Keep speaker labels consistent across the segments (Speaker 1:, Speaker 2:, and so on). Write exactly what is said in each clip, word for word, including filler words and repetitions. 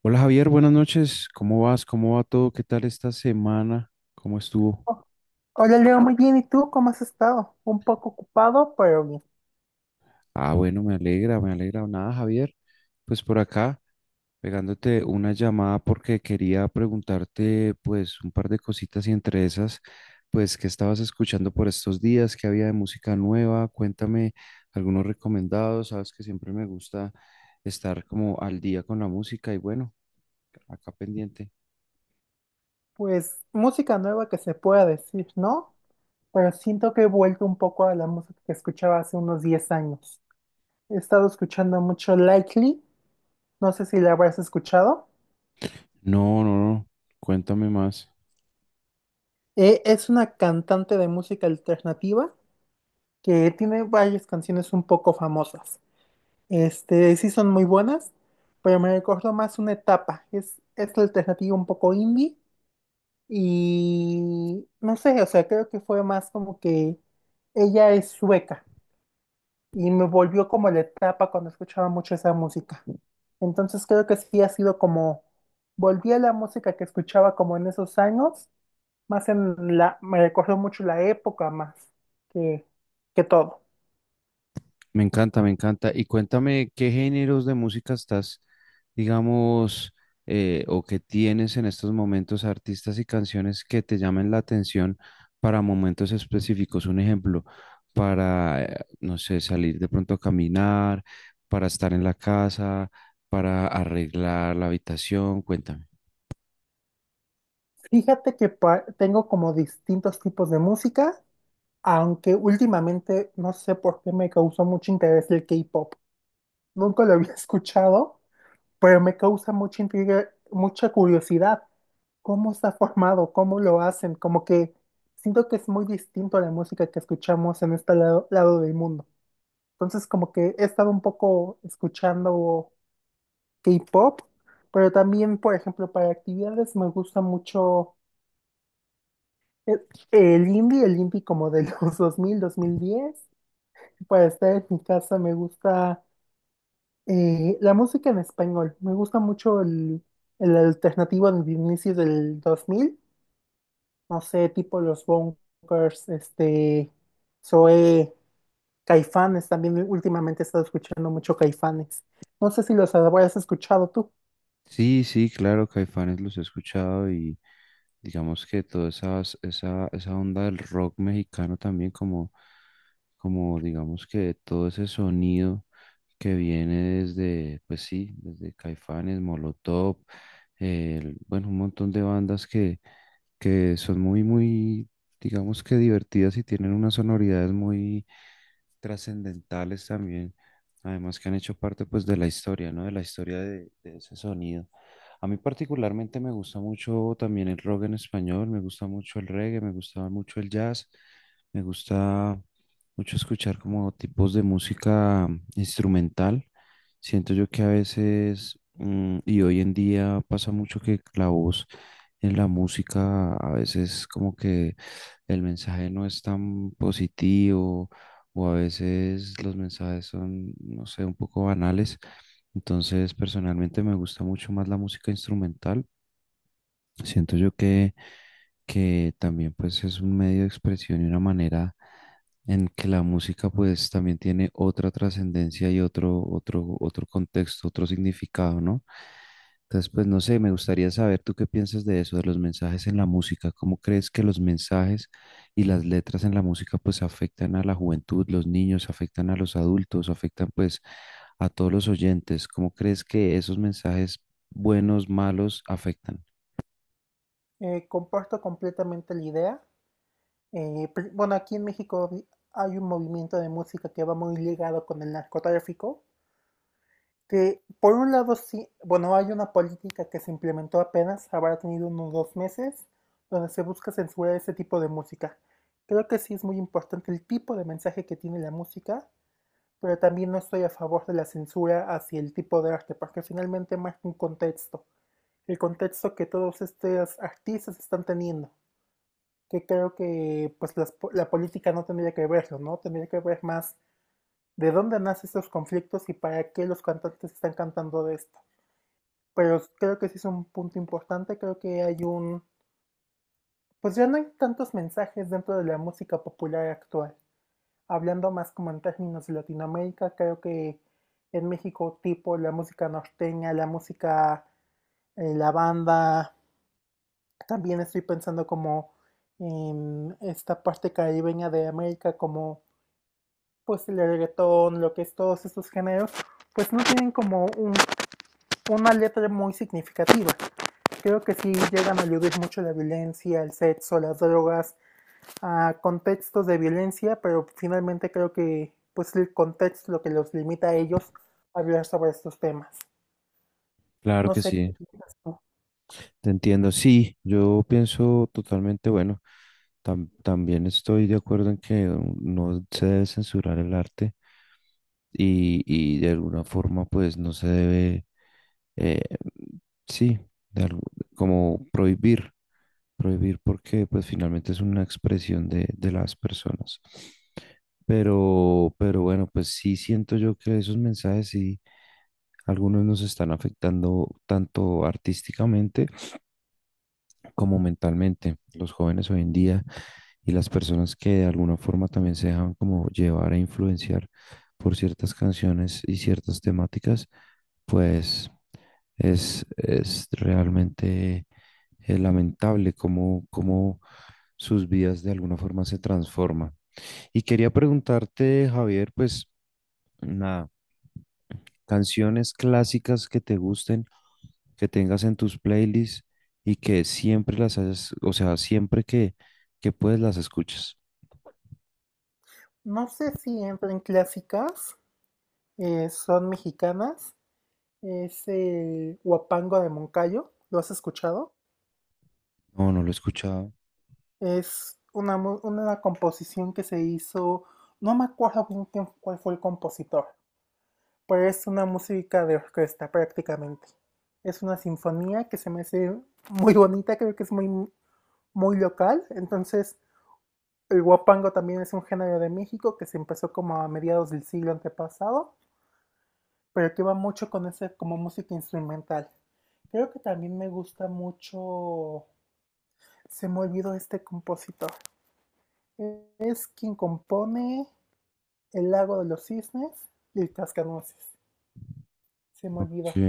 Speaker 1: Hola Javier, buenas noches. ¿Cómo vas? ¿Cómo va todo? ¿Qué tal esta semana? ¿Cómo estuvo?
Speaker 2: Hola Leo, muy bien. ¿Y tú cómo has estado? Un poco ocupado, pero bien.
Speaker 1: Ah, bueno, me alegra, me alegra. Nada, Javier. Pues por acá, pegándote una llamada porque quería preguntarte pues un par de cositas y entre esas, pues qué estabas escuchando por estos días, qué había de música nueva. Cuéntame algunos recomendados. Sabes que siempre me gusta estar como al día con la música y bueno, acá pendiente.
Speaker 2: Pues música nueva que se pueda decir, ¿no? Pero siento que he vuelto un poco a la música que escuchaba hace unos diez años. He estado escuchando mucho Likely, no sé si la habrás escuchado.
Speaker 1: No, no, no. Cuéntame más.
Speaker 2: Eh, es una cantante de música alternativa que tiene varias canciones un poco famosas. Este, sí son muy buenas, pero me recuerdo más una etapa. Es, es alternativa un poco indie. Y no sé, o sea, creo que fue más como que ella es sueca y me volvió como la etapa cuando escuchaba mucho esa música. Entonces creo que sí ha sido como, volví a la música que escuchaba como en esos años, más en la, me recordó mucho la época más que, que todo.
Speaker 1: Me encanta, me encanta. Y cuéntame qué géneros de música estás, digamos, eh, o que tienes en estos momentos artistas y canciones que te llamen la atención para momentos específicos. Un ejemplo, para, eh, no sé, salir de pronto a caminar, para estar en la casa, para arreglar la habitación. Cuéntame.
Speaker 2: Fíjate que pa- tengo como distintos tipos de música, aunque últimamente no sé por qué me causó mucho interés el K-pop. Nunca lo había escuchado, pero me causa mucha intriga, mucha curiosidad. ¿Cómo está formado? ¿Cómo lo hacen? Como que siento que es muy distinto a la música que escuchamos en este lado, lado del mundo. Entonces, como que he estado un poco escuchando K-pop, pero también, por ejemplo, para actividades me gusta mucho el, el indie, el indie como de los dos mil, dos mil diez. Para estar en mi casa me gusta. Eh, la música en español. Me gusta mucho el, el alternativo de inicios del dos mil. No sé, tipo los Bunkers, este, Zoé, Caifanes. También últimamente he estado escuchando mucho Caifanes. No sé si los habrás escuchado tú.
Speaker 1: Sí, sí, claro, Caifanes los he escuchado y digamos que toda esa, esa, esa onda del rock mexicano también como, como digamos que todo ese sonido que viene desde, pues sí, desde Caifanes, Molotov, el- bueno, un montón de bandas que, que son muy, muy, digamos que divertidas y tienen unas sonoridades muy trascendentales también, además que han hecho parte pues de la historia, ¿no? De la historia de, de ese sonido. A mí particularmente me gusta mucho también el rock en español, me gusta mucho el reggae, me gusta mucho el jazz, me gusta mucho escuchar como tipos de música mm, instrumental. Siento yo que a veces, mm, y hoy en día pasa mucho que la voz en la música a veces como que el mensaje no es tan positivo o a veces los mensajes son, no sé, un poco banales. Entonces, personalmente me gusta mucho más la música instrumental. Siento yo que que también pues es un medio de expresión y una manera en que la música pues también tiene otra trascendencia y otro, otro, otro contexto, otro significado, ¿no? Entonces, pues no sé, me gustaría saber tú qué piensas de eso, de los mensajes en la música. ¿Cómo crees que los mensajes y las letras en la música pues afectan a la juventud, los niños, afectan a los adultos, afectan pues a todos los oyentes? ¿Cómo crees que esos mensajes buenos, malos, afectan?
Speaker 2: Eh, comparto completamente la idea. Eh, pr- bueno, aquí en México vi- hay un movimiento de música que va muy ligado con el narcotráfico, que por un lado sí, bueno, hay una política que se implementó apenas, habrá tenido unos dos meses, donde se busca censurar ese tipo de música. Creo que sí es muy importante el tipo de mensaje que tiene la música, pero también no estoy a favor de la censura hacia el tipo de arte, porque finalmente marca un contexto, el contexto que todos estos artistas están teniendo, que creo que pues las, la política no tendría que verlo, ¿no? Tendría que ver más de dónde nacen estos conflictos y para qué los cantantes están cantando de esto, pero creo que sí es un punto importante. Creo que hay un, pues ya no hay tantos mensajes dentro de la música popular actual. Hablando más como en términos de Latinoamérica, creo que en México tipo la música norteña, la música, eh, la banda, también estoy pensando como en esta parte caribeña de América, como pues el reggaetón, lo que es todos estos géneros, pues no tienen como un, una letra muy significativa. Creo que sí llegan a aludir mucho la violencia, el sexo, las drogas, a contextos de violencia, pero finalmente creo que pues el contexto es lo que los limita a ellos a hablar sobre estos temas.
Speaker 1: Claro
Speaker 2: No
Speaker 1: que
Speaker 2: sé qué
Speaker 1: sí.
Speaker 2: piensas tú.
Speaker 1: Te entiendo, sí, yo pienso totalmente, bueno, tam- también estoy de acuerdo en que no no se debe censurar el arte y, y de alguna forma pues no se debe, eh, sí, de algo- como prohibir, prohibir porque pues finalmente es una expresión de, de las personas. Pero, pero bueno, pues sí siento yo que esos mensajes sí, algunos nos están afectando tanto artísticamente, como mentalmente los jóvenes hoy en día y las personas que de alguna forma también se dejan como llevar e influenciar por ciertas canciones y ciertas temáticas, pues es, es realmente eh, lamentable cómo, cómo sus vidas de alguna forma se transforman. Y quería preguntarte, Javier, pues nada, canciones clásicas que te gusten que tengas en tus playlists y que siempre las hayas, o sea, siempre que, que puedes las escuchas.
Speaker 2: No sé si entran clásicas, eh, son mexicanas, es el Huapango de Moncayo, ¿lo has escuchado?
Speaker 1: No, no lo he escuchado.
Speaker 2: Es una, mu- una composición que se hizo, no me acuerdo bien quién- cuál fue el compositor, pero es una música de orquesta prácticamente. Es una sinfonía que se me hace muy bonita, creo que es muy, muy local. Entonces, el guapango también es un género de México que se empezó como a mediados del siglo antepasado, pero que va mucho con ese como música instrumental. Creo que también me gusta mucho. Se me olvidó este compositor. Es quien compone El lago de los cisnes y el cascanueces. Se me
Speaker 1: Ok,
Speaker 2: olvidó.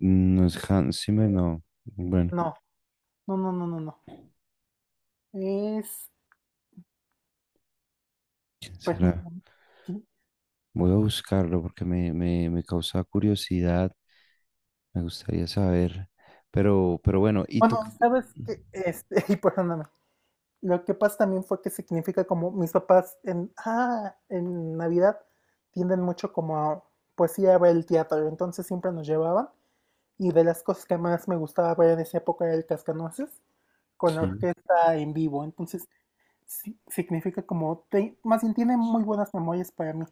Speaker 1: no es Hans Zimmer, no. Bueno,
Speaker 2: No, no, no, no, no, no. Es
Speaker 1: ¿quién será?
Speaker 2: Permíteme, sí.
Speaker 1: Voy a buscarlo porque me, me, me causa curiosidad, me gustaría saber. Pero, pero bueno, ¿y tú?
Speaker 2: Bueno,
Speaker 1: Qué-
Speaker 2: sabes que este, y perdóname. Lo que pasa también fue que significa como mis papás en, ah, en Navidad tienden mucho como a, pues ir a ver el teatro, entonces siempre nos llevaban y de las cosas que más me gustaba ver en esa época era el Cascanueces con la
Speaker 1: Sí.
Speaker 2: orquesta en vivo. Entonces, sí, significa como, te- más bien tiene muy buenas memorias para mí.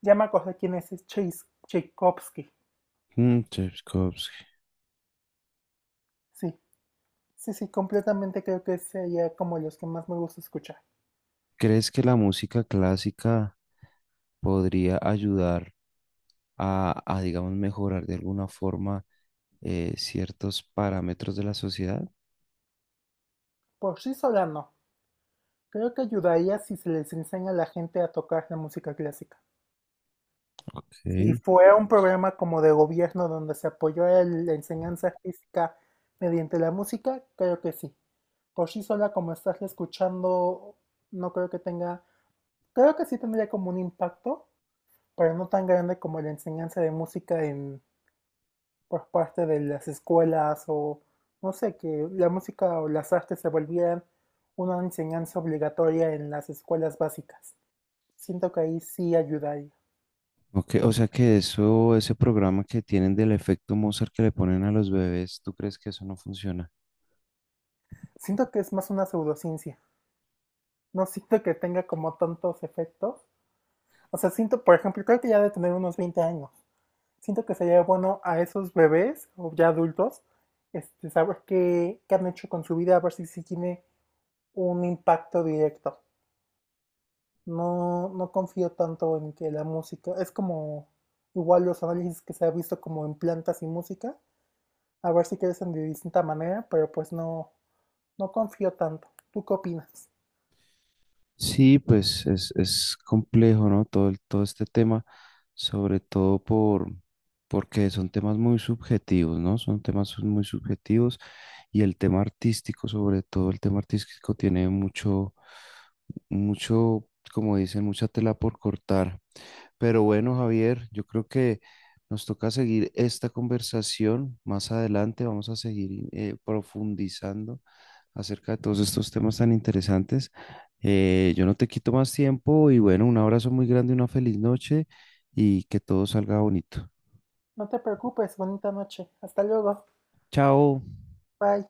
Speaker 2: Ya me acordé quién es, es Chais- Tchaikovsky,
Speaker 1: Mm, Tchaikovsky.
Speaker 2: sí. Sí, sí, completamente creo que sería como los que más me gusta escuchar.
Speaker 1: ¿Crees que la música clásica podría ayudar a, a, digamos, mejorar de alguna forma eh, ciertos parámetros de la sociedad?
Speaker 2: Por sí sola no. Creo que ayudaría si se les enseña a la gente a tocar la música clásica. Si
Speaker 1: Ok.
Speaker 2: fuera un programa como de gobierno donde se apoyó el- la enseñanza artística mediante la música, creo que sí. Por sí sola, como estás escuchando, no creo que tenga, creo que sí tendría como un impacto, pero no tan grande como la enseñanza de música en por parte de las escuelas o no sé, que la música o las artes se volvieran una enseñanza obligatoria en las escuelas básicas. Siento que ahí sí ayudaría.
Speaker 1: Ok, o sea que eso, ese programa que tienen del efecto Mozart que le ponen a los bebés, ¿tú crees que eso no funciona?
Speaker 2: Siento que es más una pseudociencia. No siento que tenga como tantos efectos. O sea, siento, por ejemplo, creo que ya de tener unos veinte años. Siento que sería bueno a esos bebés o ya adultos, este, saber qué, qué han hecho con su vida, a ver si, si tiene un impacto directo. No, no confío tanto en que la música, es como igual los análisis que se ha visto como en plantas y música, a ver si crecen de distinta manera, pero pues no, no confío tanto. ¿Tú qué opinas?
Speaker 1: Sí, pues es, es complejo, ¿no? Todo, el- todo este tema, sobre todo por, porque son temas muy subjetivos, ¿no? Son temas muy subjetivos y el tema artístico, sobre todo el tema artístico, tiene mucho, mucho, como dicen, mucha tela por cortar. Pero bueno, Javier, yo creo que nos toca seguir esta conversación más adelante. Vamos a seguir eh, profundizando acerca de todos estos temas tan interesantes. Eh, yo no te quito más tiempo y bueno, un abrazo muy grande, una feliz noche y que todo salga bonito.
Speaker 2: No te preocupes, bonita noche. Hasta luego.
Speaker 1: Chao.
Speaker 2: Bye.